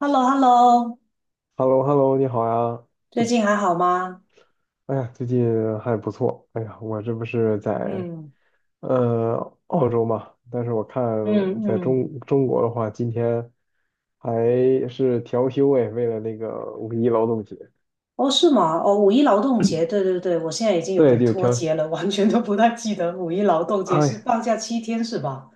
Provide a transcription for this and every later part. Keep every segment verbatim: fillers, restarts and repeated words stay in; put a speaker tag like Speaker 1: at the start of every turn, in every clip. Speaker 1: h e l l o h e l l o
Speaker 2: h e l l o h e l l o 你好呀！
Speaker 1: 最近还好吗？
Speaker 2: 哎呀，最近还不错。哎呀，我这不是在
Speaker 1: 嗯，
Speaker 2: 呃澳洲嘛，但是我看
Speaker 1: 嗯
Speaker 2: 在
Speaker 1: 嗯，
Speaker 2: 中中国的话，今天还是调休哎，为了那个五一劳动节。
Speaker 1: 哦，是吗？哦，五一劳动节，对对对，我现在已经有
Speaker 2: 对，
Speaker 1: 点
Speaker 2: 就
Speaker 1: 脱
Speaker 2: 调，
Speaker 1: 节了，完全都不太记得五一劳动节是
Speaker 2: 哎，
Speaker 1: 放假七天是吧？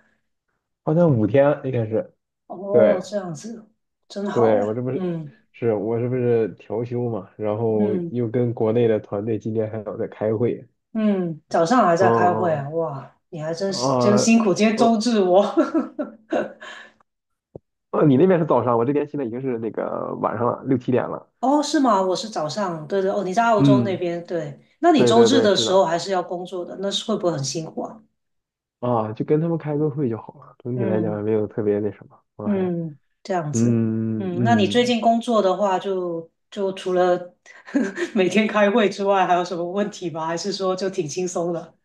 Speaker 2: 好像五天应该是。
Speaker 1: 哦，
Speaker 2: 对，
Speaker 1: 这样子，真好
Speaker 2: 对，我
Speaker 1: 哎。
Speaker 2: 这不是
Speaker 1: 嗯
Speaker 2: 是我这不是调休嘛，然后
Speaker 1: 嗯
Speaker 2: 又跟国内的团队今天还要在开会。
Speaker 1: 嗯，早上还
Speaker 2: 嗯
Speaker 1: 在开会啊，
Speaker 2: 嗯
Speaker 1: 哇，你还真真辛
Speaker 2: 啊，
Speaker 1: 苦，今天周
Speaker 2: 呃
Speaker 1: 日我。
Speaker 2: 哦，你那边是早上，我这边现在已经是那个晚上了，六七点了。
Speaker 1: 哦，是吗？我是早上，对对，哦，你在澳洲那
Speaker 2: 嗯，
Speaker 1: 边，对，那你
Speaker 2: 对
Speaker 1: 周
Speaker 2: 对
Speaker 1: 日
Speaker 2: 对，
Speaker 1: 的
Speaker 2: 是
Speaker 1: 时候
Speaker 2: 的，
Speaker 1: 还是要工作的，那是会不会很辛苦啊？
Speaker 2: 啊，就跟他们开个会就好了，整体来讲
Speaker 1: 嗯。
Speaker 2: 也没有特别那什么，我还，
Speaker 1: 嗯，这样子。
Speaker 2: 嗯
Speaker 1: 嗯，那你最
Speaker 2: 嗯，
Speaker 1: 近工作的话就，就除了 每天开会之外，还有什么问题吗？还是说就挺轻松的？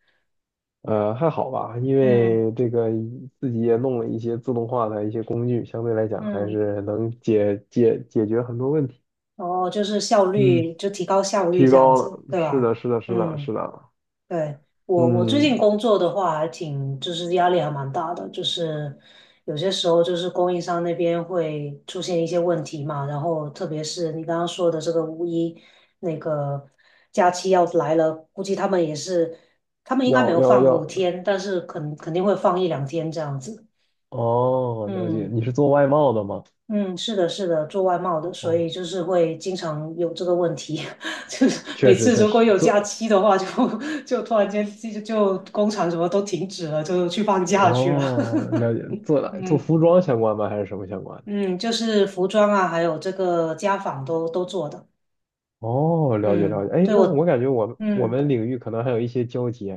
Speaker 2: 呃，还好吧，因
Speaker 1: 嗯
Speaker 2: 为这个自己也弄了一些自动化的一些工具，相对来讲还
Speaker 1: 嗯，
Speaker 2: 是能解解解决很多问题，
Speaker 1: 哦，就是效
Speaker 2: 嗯，
Speaker 1: 率，就提高效率
Speaker 2: 提
Speaker 1: 这样
Speaker 2: 高
Speaker 1: 子，
Speaker 2: 了，
Speaker 1: 对
Speaker 2: 是
Speaker 1: 吧？
Speaker 2: 的，是的，是的，
Speaker 1: 嗯。
Speaker 2: 是的，
Speaker 1: 对，我我最近
Speaker 2: 嗯，
Speaker 1: 工作的话，还挺就是压力还蛮大的，就是有些时候就是供应商那边会出现一些问题嘛，然后特别是你刚刚说的这个五一那个假期要来了，估计他们也是，他们应该没
Speaker 2: 要
Speaker 1: 有
Speaker 2: 要
Speaker 1: 放五
Speaker 2: 要，
Speaker 1: 天，但是肯肯定会放一两天这样子。
Speaker 2: 哦，了解，
Speaker 1: 嗯。
Speaker 2: 你是做外贸的吗？
Speaker 1: 嗯，是的，是的，做外贸的，所
Speaker 2: 哦，
Speaker 1: 以就是会经常有这个问题，就是每
Speaker 2: 确实
Speaker 1: 次
Speaker 2: 确
Speaker 1: 如果
Speaker 2: 实，
Speaker 1: 有假
Speaker 2: 做
Speaker 1: 期的话就，就突然间就就工厂什么都停止了，就去放假去了。
Speaker 2: 哦，了解，做哪做
Speaker 1: 嗯
Speaker 2: 服装相关吗？还是什么相关的？
Speaker 1: 嗯，就是服装啊，还有这个家纺都都做的。
Speaker 2: 哦，了解了
Speaker 1: 嗯，
Speaker 2: 解。哎，
Speaker 1: 对
Speaker 2: 那我
Speaker 1: 我，
Speaker 2: 感觉我们我
Speaker 1: 嗯，
Speaker 2: 们领域可能还有一些交集。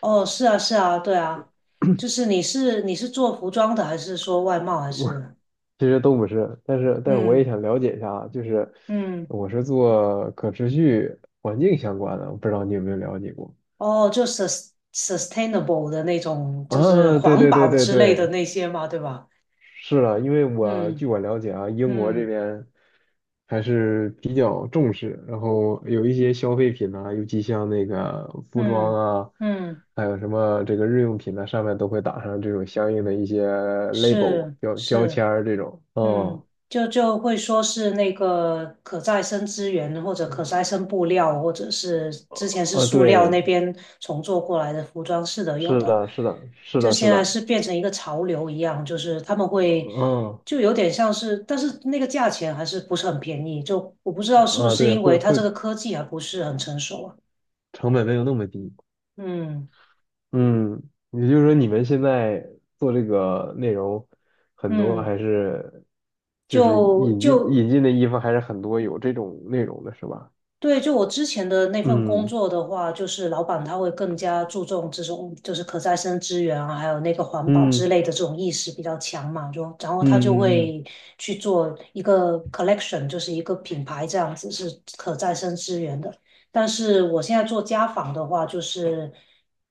Speaker 1: 哦，是啊，是啊，对啊，就是你是你是做服装的，还是说外贸，还
Speaker 2: 我
Speaker 1: 是
Speaker 2: 其实都不是，但是但是我也
Speaker 1: 嗯
Speaker 2: 想了解一下啊，就是
Speaker 1: 嗯。
Speaker 2: 我是做可持续环境相关的，我不知道你有没有了解过？
Speaker 1: 哦，就 sus sustainable 的那种，就是
Speaker 2: 啊，对
Speaker 1: 环
Speaker 2: 对对
Speaker 1: 保
Speaker 2: 对
Speaker 1: 之类的
Speaker 2: 对，
Speaker 1: 那些嘛，对吧？
Speaker 2: 是啊，因为我
Speaker 1: 嗯
Speaker 2: 据我了解啊，英国这
Speaker 1: 嗯
Speaker 2: 边还是比较重视，然后有一些消费品啊，尤其像那个服装
Speaker 1: 嗯
Speaker 2: 啊，
Speaker 1: 嗯，
Speaker 2: 还有什么这个日用品呢、上面都会打上这种相应的一些 label
Speaker 1: 是
Speaker 2: 标标
Speaker 1: 是。
Speaker 2: 签儿这种。
Speaker 1: 嗯，
Speaker 2: 哦，
Speaker 1: 就就会说是那个可再生资源，或者可再生布料，或者是之前是
Speaker 2: 呃，
Speaker 1: 塑料
Speaker 2: 对，
Speaker 1: 那边重做过来的服装是的，有
Speaker 2: 是
Speaker 1: 的
Speaker 2: 的，是的，是
Speaker 1: 就
Speaker 2: 的，是
Speaker 1: 现在
Speaker 2: 的，
Speaker 1: 是变成一个潮流一样，就是他们会
Speaker 2: 嗯，
Speaker 1: 就有点像是，但是那个价钱还是不是很便宜，就我不知道是不
Speaker 2: 啊，
Speaker 1: 是
Speaker 2: 对，
Speaker 1: 因为
Speaker 2: 会
Speaker 1: 它
Speaker 2: 会
Speaker 1: 这个科技还不是很成熟啊。
Speaker 2: 成本没有那么低。
Speaker 1: 嗯
Speaker 2: 嗯，也就是说你们现在做这个内容，很多
Speaker 1: 嗯，
Speaker 2: 还是就是
Speaker 1: 就
Speaker 2: 引进
Speaker 1: 就
Speaker 2: 引进的衣服还是很多有这种内容的是吧？
Speaker 1: 对，就我之前的那份工
Speaker 2: 嗯
Speaker 1: 作的话，就是老板他会更加注重这种就是可再生资源啊，还有那个环保之
Speaker 2: 嗯
Speaker 1: 类的这种意识比较强嘛，就然后他就
Speaker 2: 嗯嗯
Speaker 1: 会去做一个 collection，就是一个品牌这样子是可再生资源的。但是我现在做家纺的话，就是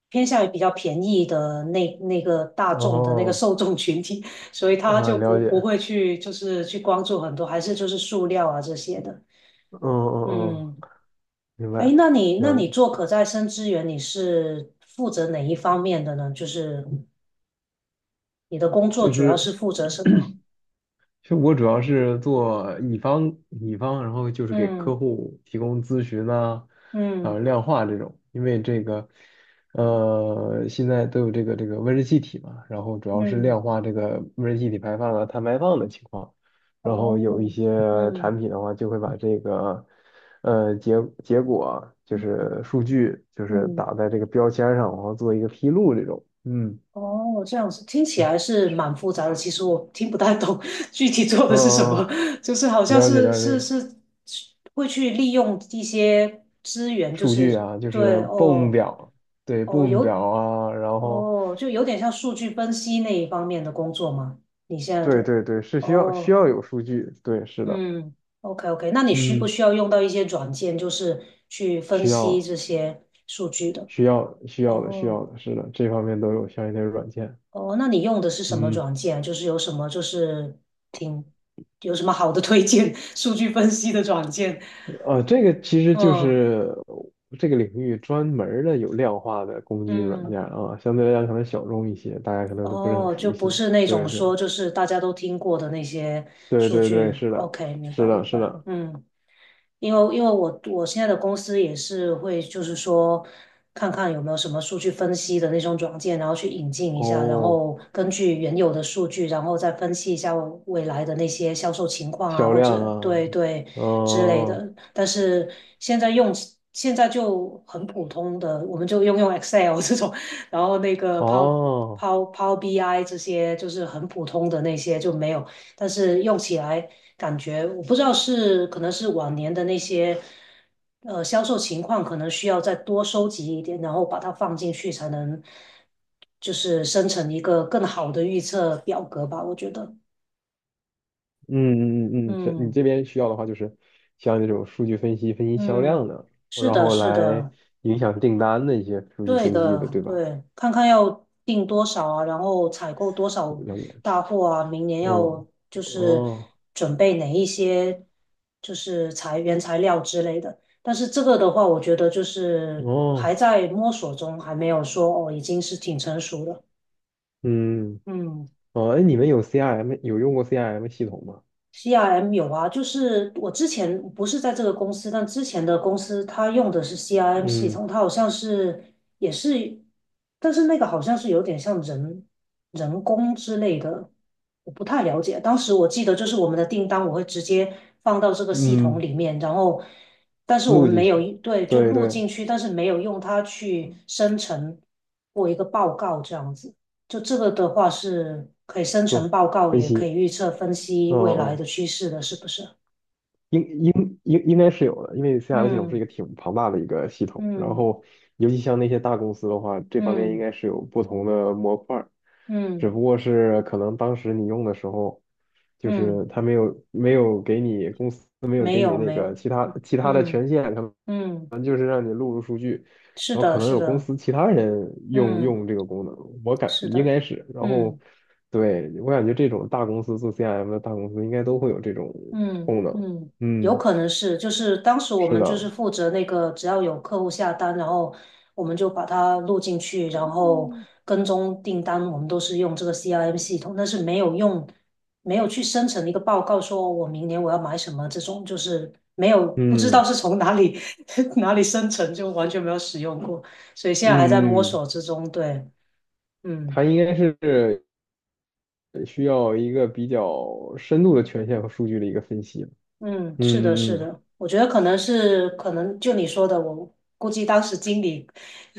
Speaker 1: 偏向于比较便宜的那那个大
Speaker 2: 嗯，
Speaker 1: 众的那个
Speaker 2: 哦，
Speaker 1: 受众群体，所以他
Speaker 2: 啊，
Speaker 1: 就不
Speaker 2: 了解，
Speaker 1: 不会去就是去关注很多，还是就是塑料啊这些的，
Speaker 2: 嗯嗯嗯，
Speaker 1: 嗯。
Speaker 2: 明白，
Speaker 1: 哎，那你那
Speaker 2: 了解，
Speaker 1: 你做可再生资源，你是负责哪一方面的呢？就是你的工作
Speaker 2: 就
Speaker 1: 主要是
Speaker 2: 是
Speaker 1: 负责什么？
Speaker 2: 其实我主要是做乙方，乙方，然后就是给
Speaker 1: 嗯
Speaker 2: 客户提供咨询啊，
Speaker 1: 嗯
Speaker 2: 啊，量化这种，因为这个，呃，现在都有这个这个温室气体嘛，然后主要是
Speaker 1: 嗯，
Speaker 2: 量化这个温室气体排放啊、碳排放的情况，然后有一
Speaker 1: 哦，
Speaker 2: 些
Speaker 1: 嗯
Speaker 2: 产品的话，就会把这个，呃，结结果啊就是数据，就是
Speaker 1: 嗯，
Speaker 2: 打在这个标签上，然后做一个披露这种，嗯
Speaker 1: 哦，这样子听起来是蛮复杂的。其实我听不太懂 具体做的
Speaker 2: 嗯，
Speaker 1: 是什么，
Speaker 2: 呃
Speaker 1: 就是好像
Speaker 2: 了解
Speaker 1: 是
Speaker 2: 了
Speaker 1: 是
Speaker 2: 解，
Speaker 1: 是会去利用一些资源，就
Speaker 2: 数据
Speaker 1: 是
Speaker 2: 啊，就是
Speaker 1: 对
Speaker 2: B O O M
Speaker 1: 哦。
Speaker 2: 表，对
Speaker 1: 哦，
Speaker 2: B O O M 表
Speaker 1: 有，
Speaker 2: 啊，然后
Speaker 1: 哦，就有点像数据分析那一方面的工作吗？你现在
Speaker 2: 对
Speaker 1: 的，
Speaker 2: 对对，是需要需
Speaker 1: 哦，
Speaker 2: 要有数据，对，是的，
Speaker 1: 嗯，OK OK，那你需不
Speaker 2: 嗯，
Speaker 1: 需要用到一些软件，就是去分
Speaker 2: 需
Speaker 1: 析
Speaker 2: 要
Speaker 1: 这些数据的？
Speaker 2: 需要需要的需
Speaker 1: 哦
Speaker 2: 要的，是的，这方面都有相应的软件，
Speaker 1: 哦，那你用的是什么
Speaker 2: 嗯，
Speaker 1: 软件？就是有什么就是挺有什么好的推荐 数据分析的软件？
Speaker 2: 呃，这个其实就
Speaker 1: 嗯
Speaker 2: 是这个领域专门儿的有量化的工具软
Speaker 1: 嗯，
Speaker 2: 件啊，相对来讲可能小众一些，大家可能都不是很
Speaker 1: 哦，
Speaker 2: 熟
Speaker 1: 就不
Speaker 2: 悉，
Speaker 1: 是那种
Speaker 2: 对对
Speaker 1: 说就是大家都听过的那些
Speaker 2: 对
Speaker 1: 数
Speaker 2: 对对，
Speaker 1: 据。
Speaker 2: 是的，
Speaker 1: OK，明
Speaker 2: 是
Speaker 1: 白
Speaker 2: 的，
Speaker 1: 明
Speaker 2: 是
Speaker 1: 白，
Speaker 2: 的，
Speaker 1: 嗯。因为因为我我现在的公司也是会，就是说看看有没有什么数据分析的那种软件，然后去引进一下，然
Speaker 2: 哦，
Speaker 1: 后根据原有的数据，然后再分析一下未来的那些销售情况啊，
Speaker 2: 销
Speaker 1: 或
Speaker 2: 量
Speaker 1: 者
Speaker 2: 啊，
Speaker 1: 对对之类
Speaker 2: 嗯。
Speaker 1: 的。但是现在用起现在就很普通的，我们就用用 Excel 这种，然后那个 Power
Speaker 2: 哦，
Speaker 1: Power Power B I 这些就是很普通的那些就没有，但是用起来。感觉我不知道是可能是往年的那些呃销售情况，可能需要再多收集一点，然后把它放进去，才能就是生成一个更好的预测表格吧。我觉得，
Speaker 2: 嗯嗯嗯嗯，这你
Speaker 1: 嗯
Speaker 2: 这边需要的话，就是像这种数据分析、分析销量
Speaker 1: 嗯，
Speaker 2: 的，
Speaker 1: 是
Speaker 2: 然
Speaker 1: 的，
Speaker 2: 后
Speaker 1: 是
Speaker 2: 来
Speaker 1: 的。
Speaker 2: 影响订单的一些数据
Speaker 1: 对
Speaker 2: 分析的，
Speaker 1: 的，
Speaker 2: 对吧？
Speaker 1: 对，看看要订多少啊，然后采购多少
Speaker 2: 了解。
Speaker 1: 大货啊，明年
Speaker 2: 嗯，
Speaker 1: 要就是
Speaker 2: 哦
Speaker 1: 准备哪一些就是材原材料之类的。但是这个的话，我觉得就是还
Speaker 2: 哦，
Speaker 1: 在摸索中，还没有说哦，已经是挺成熟的。
Speaker 2: 嗯
Speaker 1: 嗯。
Speaker 2: 哦，哎，你们有 C R M 有用过 C R M 系统吗？
Speaker 1: C R M 有啊，就是我之前不是在这个公司，但之前的公司它用的是 C R M 系
Speaker 2: 嗯
Speaker 1: 统，它好像是也是，但是那个好像是有点像人人工之类的，我不太了解。当时我记得就是我们的订单我会直接放到这个系统
Speaker 2: 嗯，
Speaker 1: 里面，然后但是我们
Speaker 2: 录进
Speaker 1: 没有
Speaker 2: 去，
Speaker 1: 对就
Speaker 2: 对
Speaker 1: 录
Speaker 2: 对，
Speaker 1: 进去，但是没有用它去生成过一个报告这样子。就这个的话是可以生成
Speaker 2: 做
Speaker 1: 报告，
Speaker 2: 分
Speaker 1: 也可以
Speaker 2: 析，
Speaker 1: 预测分析
Speaker 2: 嗯
Speaker 1: 未来的
Speaker 2: 嗯。哦
Speaker 1: 趋势的，是不是？
Speaker 2: 应应应应该是有的，因为 C R M 系统是一
Speaker 1: 嗯
Speaker 2: 个挺庞大的一个系统，然
Speaker 1: 嗯
Speaker 2: 后尤其像那些大公司的话，这方面应
Speaker 1: 嗯
Speaker 2: 该是有不同的模块儿，只
Speaker 1: 嗯
Speaker 2: 不过是可能当时你用的时候，就
Speaker 1: 嗯，
Speaker 2: 是它没有没有给你公司没有
Speaker 1: 没
Speaker 2: 给你
Speaker 1: 有
Speaker 2: 那
Speaker 1: 没
Speaker 2: 个
Speaker 1: 有，
Speaker 2: 其他其他的
Speaker 1: 嗯
Speaker 2: 权限，可
Speaker 1: 嗯，
Speaker 2: 能就是让你录入数据，
Speaker 1: 是
Speaker 2: 然后
Speaker 1: 的，
Speaker 2: 可能
Speaker 1: 是
Speaker 2: 有公
Speaker 1: 的，
Speaker 2: 司其他人用
Speaker 1: 嗯，
Speaker 2: 用这个功能，我感
Speaker 1: 是
Speaker 2: 应
Speaker 1: 的，
Speaker 2: 该是，然后
Speaker 1: 嗯。
Speaker 2: 对我感觉这种大公司做 C R M 的大公司应该都会有这种
Speaker 1: 嗯
Speaker 2: 功能。
Speaker 1: 嗯，有
Speaker 2: 嗯，
Speaker 1: 可能是，就是当时我
Speaker 2: 是
Speaker 1: 们就是
Speaker 2: 的，
Speaker 1: 负责那个，只要有客户下单，然后我们就把它录进去，然后跟踪订单，我们都是用这个 C R M 系统，但是没有用，没有去生成一个报告，说我明年我要买什么这种，就是没有不知道
Speaker 2: 嗯
Speaker 1: 是从哪里 哪里生成，就完全没有使用过，所以现在还在摸
Speaker 2: 嗯
Speaker 1: 索
Speaker 2: 嗯，
Speaker 1: 之中，对，嗯。
Speaker 2: 它应该是需要一个比较深度的权限和数据的一个分析。
Speaker 1: 嗯，是的，是
Speaker 2: 嗯嗯嗯，
Speaker 1: 的，我觉得可能是可能就你说的，我估计当时经理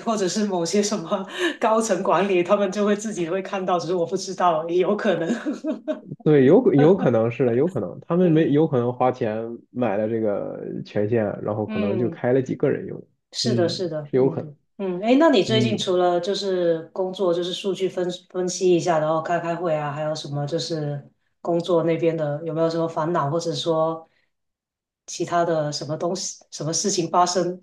Speaker 1: 或者是某些什么 高层管理，他们就会自己会看到，只是我不知道，也有可能。
Speaker 2: 对，有可有可能是的，有可能他们没
Speaker 1: 嗯
Speaker 2: 有可能花钱买了这个权限，然后可能就
Speaker 1: 嗯，
Speaker 2: 开了几个人用。
Speaker 1: 是的，
Speaker 2: 嗯，
Speaker 1: 是的，
Speaker 2: 是有
Speaker 1: 嗯
Speaker 2: 可能。
Speaker 1: 嗯，哎，那你最近
Speaker 2: 嗯，
Speaker 1: 除了就是工作，就是数据分分析一下，然后开开会啊，还有什么就是工作那边的有没有什么烦恼，或者说其他的什么东西、什么事情发生？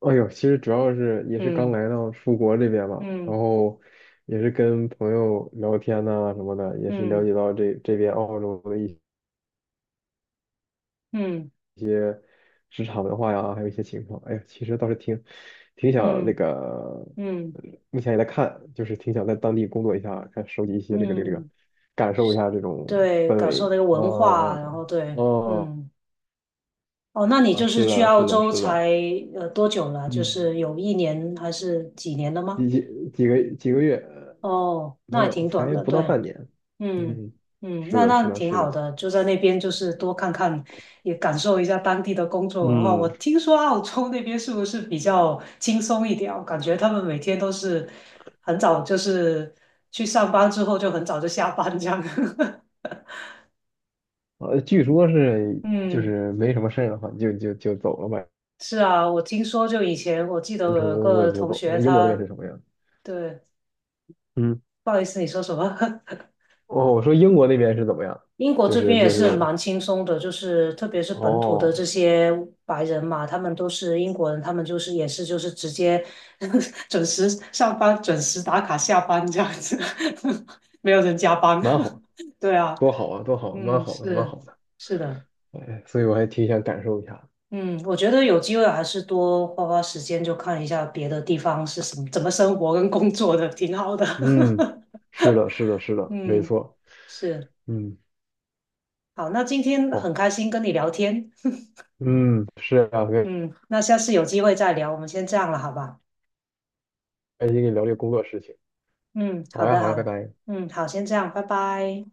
Speaker 2: 哎呦，其实主要是也是刚
Speaker 1: 嗯
Speaker 2: 来到出国这边嘛，然
Speaker 1: 嗯
Speaker 2: 后也是跟朋友聊天呐、什么的，也是了
Speaker 1: 嗯
Speaker 2: 解到这这边澳洲的一些。
Speaker 1: 嗯。
Speaker 2: 职场文化呀，还有一些情况。哎呀，其实倒是挺挺想那
Speaker 1: 嗯
Speaker 2: 个，
Speaker 1: 嗯
Speaker 2: 呃目前也在看，就是挺想在当地工作一下，看收集一些这个这个这个，
Speaker 1: 嗯，
Speaker 2: 感受一下这种
Speaker 1: 对，
Speaker 2: 氛
Speaker 1: 感受那
Speaker 2: 围。
Speaker 1: 个
Speaker 2: 啊
Speaker 1: 文化，然后对，
Speaker 2: 啊
Speaker 1: 嗯，哦，那你
Speaker 2: 啊！
Speaker 1: 就是
Speaker 2: 是
Speaker 1: 去
Speaker 2: 的，
Speaker 1: 澳
Speaker 2: 是的，
Speaker 1: 洲
Speaker 2: 是的，
Speaker 1: 才呃多久了？就
Speaker 2: 嗯，
Speaker 1: 是有一年还是几年了吗？
Speaker 2: 几几几个几个月呃
Speaker 1: 哦，那
Speaker 2: 没
Speaker 1: 还
Speaker 2: 有，
Speaker 1: 挺短
Speaker 2: 才
Speaker 1: 的，
Speaker 2: 不到
Speaker 1: 对，
Speaker 2: 半年。
Speaker 1: 嗯
Speaker 2: 嗯，
Speaker 1: 嗯，
Speaker 2: 是
Speaker 1: 那
Speaker 2: 的，是
Speaker 1: 那
Speaker 2: 的，
Speaker 1: 挺
Speaker 2: 是
Speaker 1: 好
Speaker 2: 的。
Speaker 1: 的，就在那边就是多看看，也感受一下当地的工作文化。
Speaker 2: 嗯，
Speaker 1: 我听说澳洲那边是不是比较轻松一点啊？我感觉他们每天都是很早，就是去上班之后就很早就下班这样。
Speaker 2: 呃，据说是就
Speaker 1: 嗯，
Speaker 2: 是没什么事儿的话，就就就走了吧，
Speaker 1: 是啊，我听说就以前我记得
Speaker 2: 完
Speaker 1: 我
Speaker 2: 成
Speaker 1: 有
Speaker 2: 工作
Speaker 1: 个
Speaker 2: 就
Speaker 1: 同
Speaker 2: 走
Speaker 1: 学
Speaker 2: 了。英国那边
Speaker 1: 他，
Speaker 2: 是什么样？
Speaker 1: 对，
Speaker 2: 嗯。
Speaker 1: 不好意思，你说什么？
Speaker 2: 哦，我说英国那边是怎么样？
Speaker 1: 英国
Speaker 2: 就
Speaker 1: 这
Speaker 2: 是
Speaker 1: 边也
Speaker 2: 就
Speaker 1: 是
Speaker 2: 是
Speaker 1: 蛮轻松的，就是特别是本土的这
Speaker 2: 哦，
Speaker 1: 些白人嘛，他们都是英国人，他们就是也是就是直接 准时上班、准时打卡下班这样子，没有人加班。
Speaker 2: 蛮好，
Speaker 1: 对啊，
Speaker 2: 多好啊，多好，蛮
Speaker 1: 嗯，
Speaker 2: 好的，蛮好
Speaker 1: 是
Speaker 2: 的。
Speaker 1: 是的。
Speaker 2: 哎，所以我还挺想感受一下的。
Speaker 1: 嗯，我觉得有机会还是多花花时间，就看一下别的地方是什么，怎么生活跟工作的，挺好的。
Speaker 2: 嗯，是的，是的，是的，没
Speaker 1: 嗯，
Speaker 2: 错。
Speaker 1: 是，
Speaker 2: 嗯，
Speaker 1: 好，那今天很
Speaker 2: 好，
Speaker 1: 开心跟你聊天。
Speaker 2: 嗯，是啊，很
Speaker 1: 嗯，那下次有机会再聊，我们先这样了，好吧？
Speaker 2: 开心跟你聊这个工作事情。
Speaker 1: 嗯，好
Speaker 2: 好呀，
Speaker 1: 的，
Speaker 2: 好呀，
Speaker 1: 好
Speaker 2: 拜
Speaker 1: 的，
Speaker 2: 拜。
Speaker 1: 嗯，好，先这样，拜拜。